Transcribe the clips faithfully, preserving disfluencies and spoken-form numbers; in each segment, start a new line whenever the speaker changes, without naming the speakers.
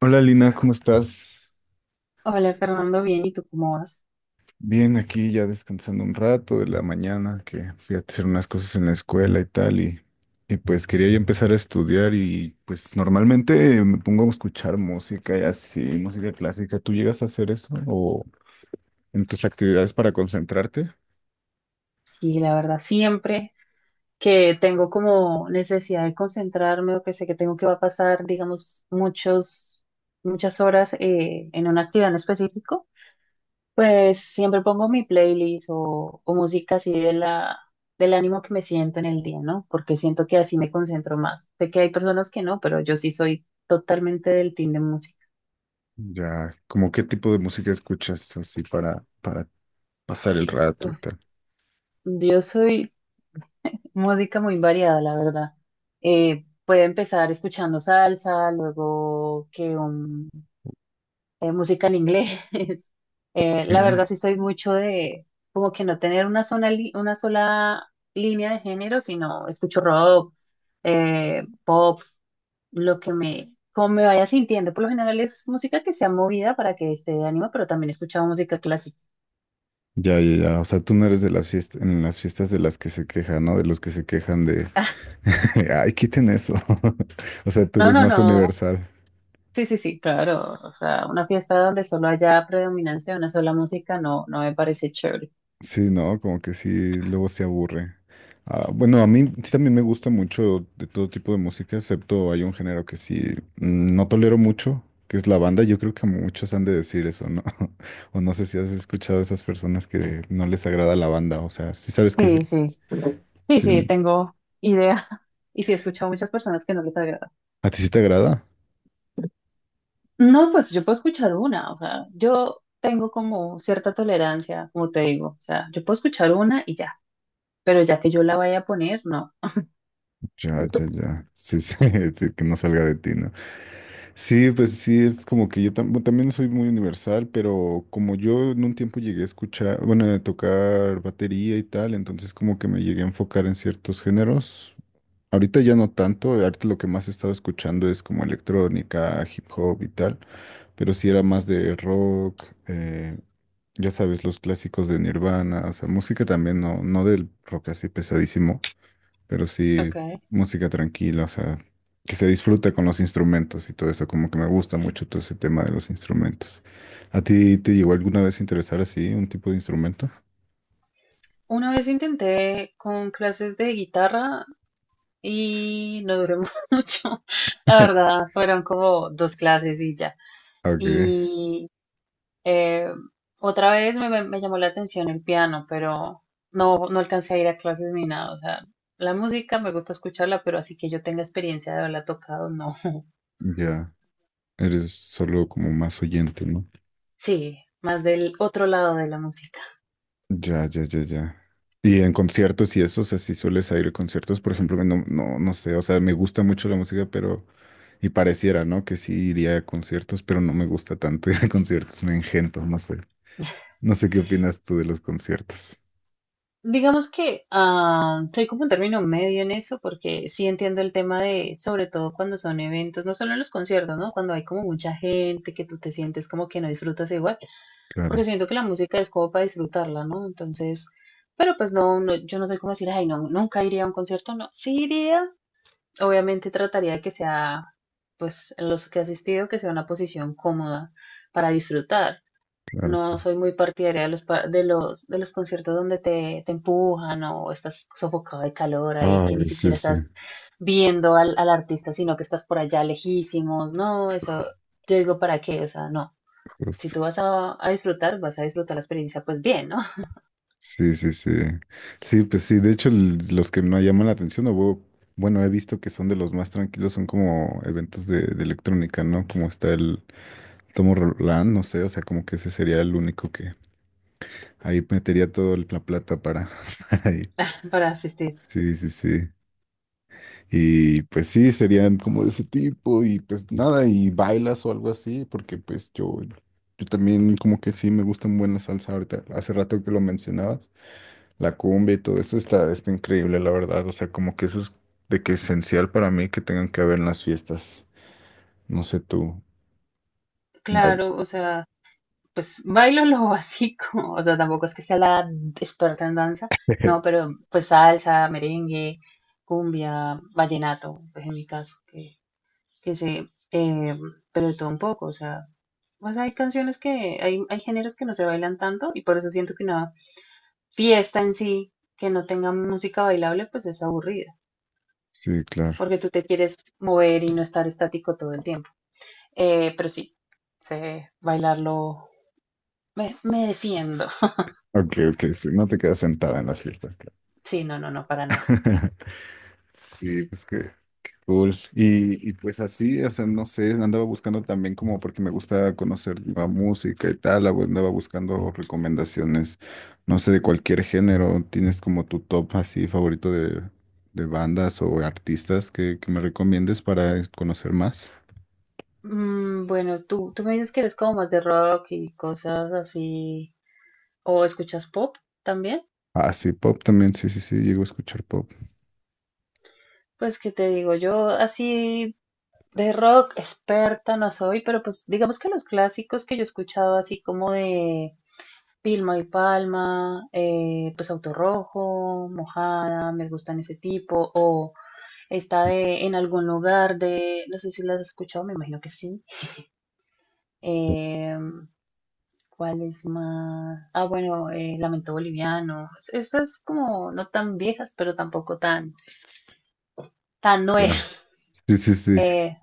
Hola Lina, ¿cómo estás?
Hola Fernando, bien, ¿y tú cómo vas?
Bien, aquí ya descansando un rato de la mañana, que fui a hacer unas cosas en la escuela y tal, y, y pues quería ya empezar a estudiar y pues normalmente me pongo a escuchar música y así, música clásica. ¿Tú llegas a hacer eso o en tus actividades para concentrarte?
Y la verdad, siempre que tengo como necesidad de concentrarme o que sé que tengo que va a pasar, digamos, muchos, muchas horas eh, en una actividad en específico, pues siempre pongo mi playlist o, o música así de la, del ánimo que me siento en el día, ¿no? Porque siento que así me concentro más. Sé que hay personas que no, pero yo sí soy totalmente del team de música.
Ya, como qué tipo de música escuchas así para, para pasar el rato y
Uf,
tal?
yo soy música muy variada, la verdad. Eh, puede empezar escuchando salsa, luego que un- eh, música en inglés. Eh, la
Eh,
verdad sí soy mucho de como que no tener una sola, li- una sola línea de género, sino escucho rock, eh, pop, lo que me, como me vaya sintiendo. Por lo general es música que sea movida para que esté de ánimo, pero también he escuchado música clásica.
Ya, ya, ya. O sea, tú no eres de las fiestas, en las fiestas de las que se quejan, ¿no? De los que se quejan de, ay, quiten eso. O sea, tú
No,
eres
no,
más
no.
universal.
Sí, sí, sí, claro. O sea, una fiesta donde solo haya predominancia de una sola música no, no me parece chévere.
Sí, no, como que sí, luego se aburre. Ah, bueno, a mí sí también me gusta mucho de todo tipo de música, excepto hay un género que sí mm, no tolero mucho, que es la banda. Yo creo que muchos han de decir eso, ¿no? O no sé si has escuchado a esas personas que no les agrada la banda. O sea, sí sabes que es
Sí,
el...
sí. Sí,
sí, ¿no?
sí, tengo idea. Y sí, he escuchado a muchas personas que no les agrada.
¿A ti sí te agrada?
No, pues yo puedo escuchar una. O sea, yo tengo como cierta tolerancia, como te digo. O sea, yo puedo escuchar una y ya. Pero ya que yo la vaya a poner, no.
Ya, ya, ya. Sí, sí, sí, que no salga de ti, ¿no? Sí, pues sí, es como que yo tam- bueno, también soy muy universal, pero como yo en un tiempo llegué a escuchar, bueno, a tocar batería y tal, entonces como que me llegué a enfocar en ciertos géneros. Ahorita ya no tanto, ahorita lo que más he estado escuchando es como electrónica, hip hop y tal, pero sí era más de rock, eh, ya sabes, los clásicos de Nirvana, o sea, música también, no, no del rock así pesadísimo, pero sí,
Ok.
música tranquila, o sea, que se disfrute con los instrumentos y todo eso, como que me gusta mucho todo ese tema de los instrumentos. ¿A ti te llegó alguna vez a interesar así un tipo de instrumento?
Una vez intenté con clases de guitarra y no duró mucho. La verdad, fueron como dos clases y ya.
Ok,
Y eh, Otra vez me, me- me llamó la atención el piano, pero no, no alcancé a ir a clases ni nada. O sea, la música me gusta escucharla, pero así que yo tenga experiencia de haberla tocado, no.
ya, eres solo como más oyente, ¿no?
Sí, más del otro lado de la música.
Ya, ya, ya, ya. Y en conciertos y eso, o sea, si sueles ir a conciertos, por ejemplo, no, no, no sé, o sea, me gusta mucho la música, pero, y pareciera, ¿no? Que sí iría a conciertos, pero no me gusta tanto ir a conciertos, me engento, no sé. No sé qué opinas tú de los conciertos.
Digamos que ah, soy como un término medio en eso, porque sí entiendo el tema de, sobre todo cuando son eventos, no solo en los conciertos, ¿no? Cuando hay como mucha gente que tú te sientes como que no disfrutas igual. Porque
Claro,
siento que la música es como para disfrutarla, ¿no? Entonces, pero pues no, no, yo no soy como decir, ay, no, nunca iría a un concierto, no, sí iría, obviamente trataría de que sea, pues los que he asistido, que sea una posición cómoda para disfrutar.
claro.
No soy muy partidaria de los, pa- de los, de los conciertos donde te, te empujan o estás sofocado de calor ahí,
Ah,
que ni
sí,
siquiera
sí.
estás viendo al, al artista, sino que estás por allá lejísimos, no, eso,
Ju-
yo digo, ¿para qué? O sea, no si
Justo.
tú vas a, a disfrutar, vas a disfrutar la experiencia, pues bien, ¿no?
Sí, sí, sí. Sí, pues sí. De hecho, l- los que me llaman la atención, o bu- bueno, he visto que son de los más tranquilos, son como eventos de, de electrónica, ¿no? Como está el Tomo Roland, no sé, o sea, como que ese sería el único que ahí metería todo el- la plata para, para ir.
Para asistir.
Sí, sí, sí. Y pues sí, serían como de ese tipo y pues nada, y bailas o algo así, porque pues yo, yo también como que sí me gusta muy buena salsa ahorita, hace rato que lo mencionabas, la cumbia y todo eso está, está increíble, la verdad, o sea, como que eso es de que esencial para mí que tengan que haber en las fiestas, no sé tú, bail-
Claro, o sea, pues bailo lo básico, o sea, tampoco es que sea la experta en danza, no, pero pues salsa, merengue, cumbia, vallenato, pues en mi caso, que, que sé, eh, pero de todo un poco, o sea, pues hay canciones que, hay, hay géneros que no se bailan tanto y por eso siento que una fiesta en sí que no tenga música bailable, pues es aburrida,
sí, claro.
porque tú te quieres mover y no estar estático todo el tiempo. Eh, pero sí, sé bailarlo. Me, me defiendo.
Ok, ok, sí, no te quedas sentada en las fiestas, claro.
Sí, no, no, no, para nada.
Sí, pues que cool. Y, y pues así, o sea, no sé, andaba buscando también como porque me gusta conocer nueva música y tal, ah, andaba buscando recomendaciones, no sé, de cualquier género. ¿Tienes como tu top así favorito de, de bandas o artistas que, que me recomiendes para conocer más?
Mm, bueno, tú, tú me dices que eres como más de rock y cosas así. ¿O escuchas pop también?
Ah, sí, pop también, sí, sí, sí, llego a escuchar pop.
Pues que te digo, yo así de rock experta no soy, pero pues digamos que los clásicos que yo he escuchado así como de Vilma y Palma, eh, pues Auto Rojo, Mojada, me gustan ese tipo, o Está de en algún lugar de, no sé si la has escuchado, me imagino que sí. Eh, ¿Cuál es más? Ah, bueno, eh, Lamento Boliviano. Es- Estas como no tan viejas, pero tampoco tan, tan
Ya.
nuevas.
Sí, sí, sí.
Eh,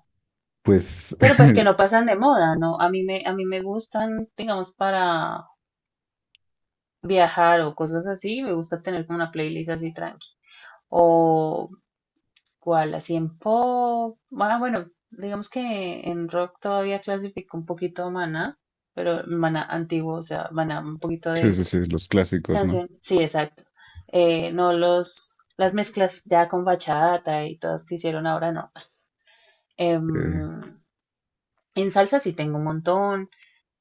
Pues,
pero pues que no pasan de moda, ¿no? A mí me, a mí me gustan, digamos, para viajar o cosas así. Me gusta tener como una playlist así tranqui. O ¿cuál? Así en pop. Ah, bueno, digamos que en rock todavía clasifico un poquito a Maná, pero Maná antiguo, o sea, Maná un poquito
sí,
de
sí, sí, los clásicos, ¿no?
canción. Sí, exacto. Eh, no los, las mezclas ya con bachata y todas que hicieron ahora, no. Em,
Eh,
en salsa sí tengo un montón.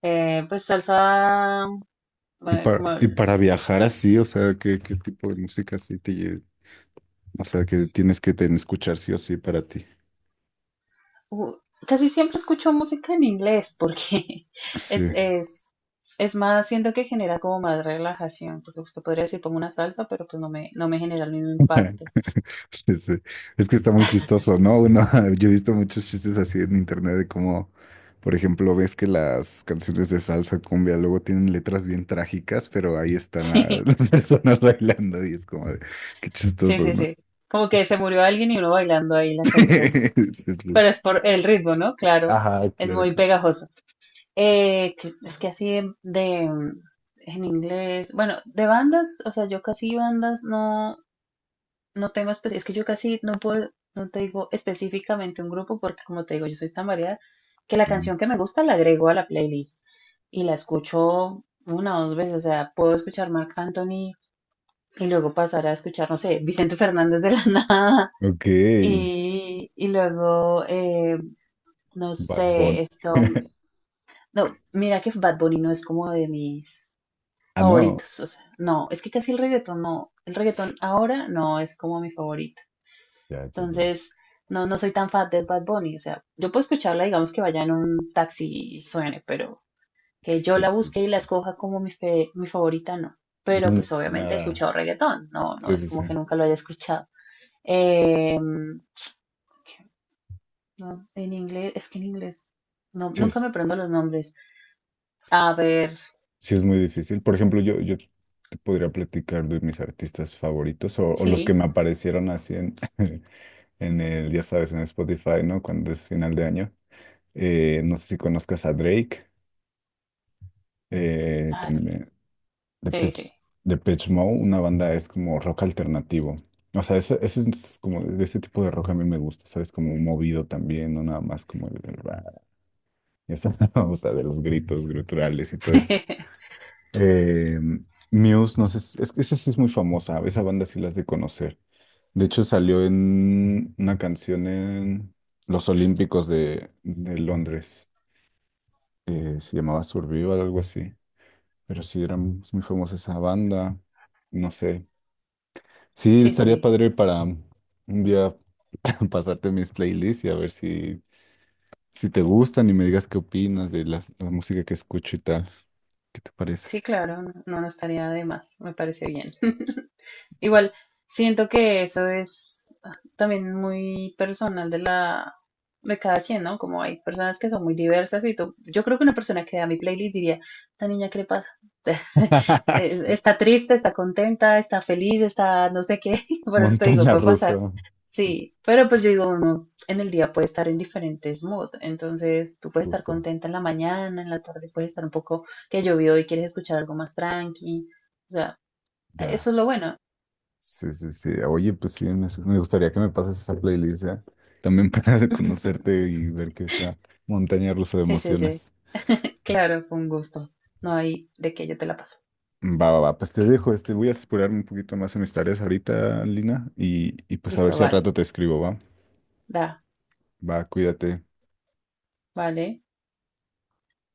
Eh, pues salsa,
y
eh,
para,
como
y para viajar así, o sea, ¿qué, qué tipo de música así te, o sea, que tienes que ten- escuchar sí o sí para ti.
u- casi siempre escucho música en inglés porque es,
Sí.
es, es más, siento que genera como más relajación, porque usted podría decir pongo una salsa, pero pues no me, no me genera el mismo impacto.
Sí, sí. Es que está muy chistoso, ¿no? Uno, yo he visto muchos chistes así en internet de cómo, por ejemplo, ves que las canciones de salsa cumbia luego tienen letras bien trágicas, pero ahí están la- las personas bailando y es como de, qué
Sí,
chistoso,
sí,
¿no?
sí, sí. Como que se murió alguien y uno bailando ahí la canción.
Sí, sí, sí.
Pero es por el ritmo, ¿no? Claro,
Ajá,
es
claro,
muy
claro.
pegajoso. Eh, que- es que así de, de, mm, en inglés, bueno, de bandas, o sea, yo casi bandas no. No tengo espe- es que yo casi no puedo, no te digo específicamente un grupo porque como te digo, yo soy tan variada que la
Sí.
canción que me gusta la agrego a la playlist y la escucho una o dos veces, o sea, puedo escuchar Marc Anthony y luego pasar a escuchar, no sé, Vicente Fernández de la nada
Ok,
y, y luego, eh, no
Bad Bunny.
sé, esto, no, mira que Bad Bunny no es como de mis
Ah, no.
favoritos, o sea, no, es que casi el reggaetón no, el reggaetón ahora no es como mi favorito.
Ya, ya, ya.
Entonces, no, no soy tan fan de Bad Bunny. O sea, yo puedo escucharla, digamos que vaya en un taxi y suene, pero que yo
Sí,
la
sí.
busque y la escoja como mi, fe- mi favorita, no. Pero
Mm,
pues obviamente he
nada.
escuchado reggaetón, no, no
Sí,
es
sí, sí.
como que nunca lo haya escuchado. Em, ¿Qué? No, en inglés, es que en inglés, no,
Sí,
nunca
sí.
me prendo los nombres. A ver,
Sí, es muy difícil. Por ejemplo, yo, yo te podría platicar de mis artistas favoritos o, o los que me
sí,
aparecieron así en, en el, ya sabes, en Spotify, ¿no? Cuando es final de año. Eh, no sé si conozcas a Drake, eh,
ah,
también
sí, sí.
Depeche, Depeche Mode, una banda es como rock alternativo. O sea, ese, ese es como de ese tipo de rock a mí me gusta, ¿sabes? Como movido también, no nada más como el, el rap, ya sabes, o sea, de los gritos gruturales y todo eso. Eh, Muse, no sé, si- es que esa sí es muy famosa, esa banda sí la has de conocer. De hecho, salió en una canción en los Olímpicos de, de Londres, eh, se llamaba Survival, algo así, pero sí era muy muy famosa esa banda, no sé. Sí,
Sí, sí,
estaría padre para un día pasarte mis playlists y a ver si, si te gustan y me digas qué opinas de la, la música que escucho y tal. ¿Qué te parece?
sí, claro, no, no estaría de más, me parece bien. Igual, siento que eso es también muy personal de la de cada quien, ¿no? Como hay personas que son muy diversas y tú, yo creo que una persona que vea mi playlist diría, ¿esta niña qué le pasa? Eh,
Sí.
está triste, está contenta, está feliz, está no sé qué, por eso te digo,
Montaña
puede pasar.
rusa. Sí,
Sí, pero pues yo digo, uno en el día puede estar en diferentes moods, entonces tú puedes estar
justo,
contenta en la mañana, en la tarde puedes estar un poco que llovió y quieres escuchar algo más tranqui, o sea,
ya.
eso es lo bueno.
Sí, sí, sí. Oye, pues sí, me, me gustaría que me pases esa playlist, ¿eh? También para conocerte y ver que esa montaña rusa de
Sí, sí, sí.
emociones.
Claro, con gusto. No hay de que yo te la paso.
Va, va, va. Pues te dejo, este, voy a explorarme un poquito más en mis tareas ahorita, Lina, y, y pues a ver
Listo,
si al
vale.
rato te escribo, ¿va?
Da,
Va, cuídate.
vale.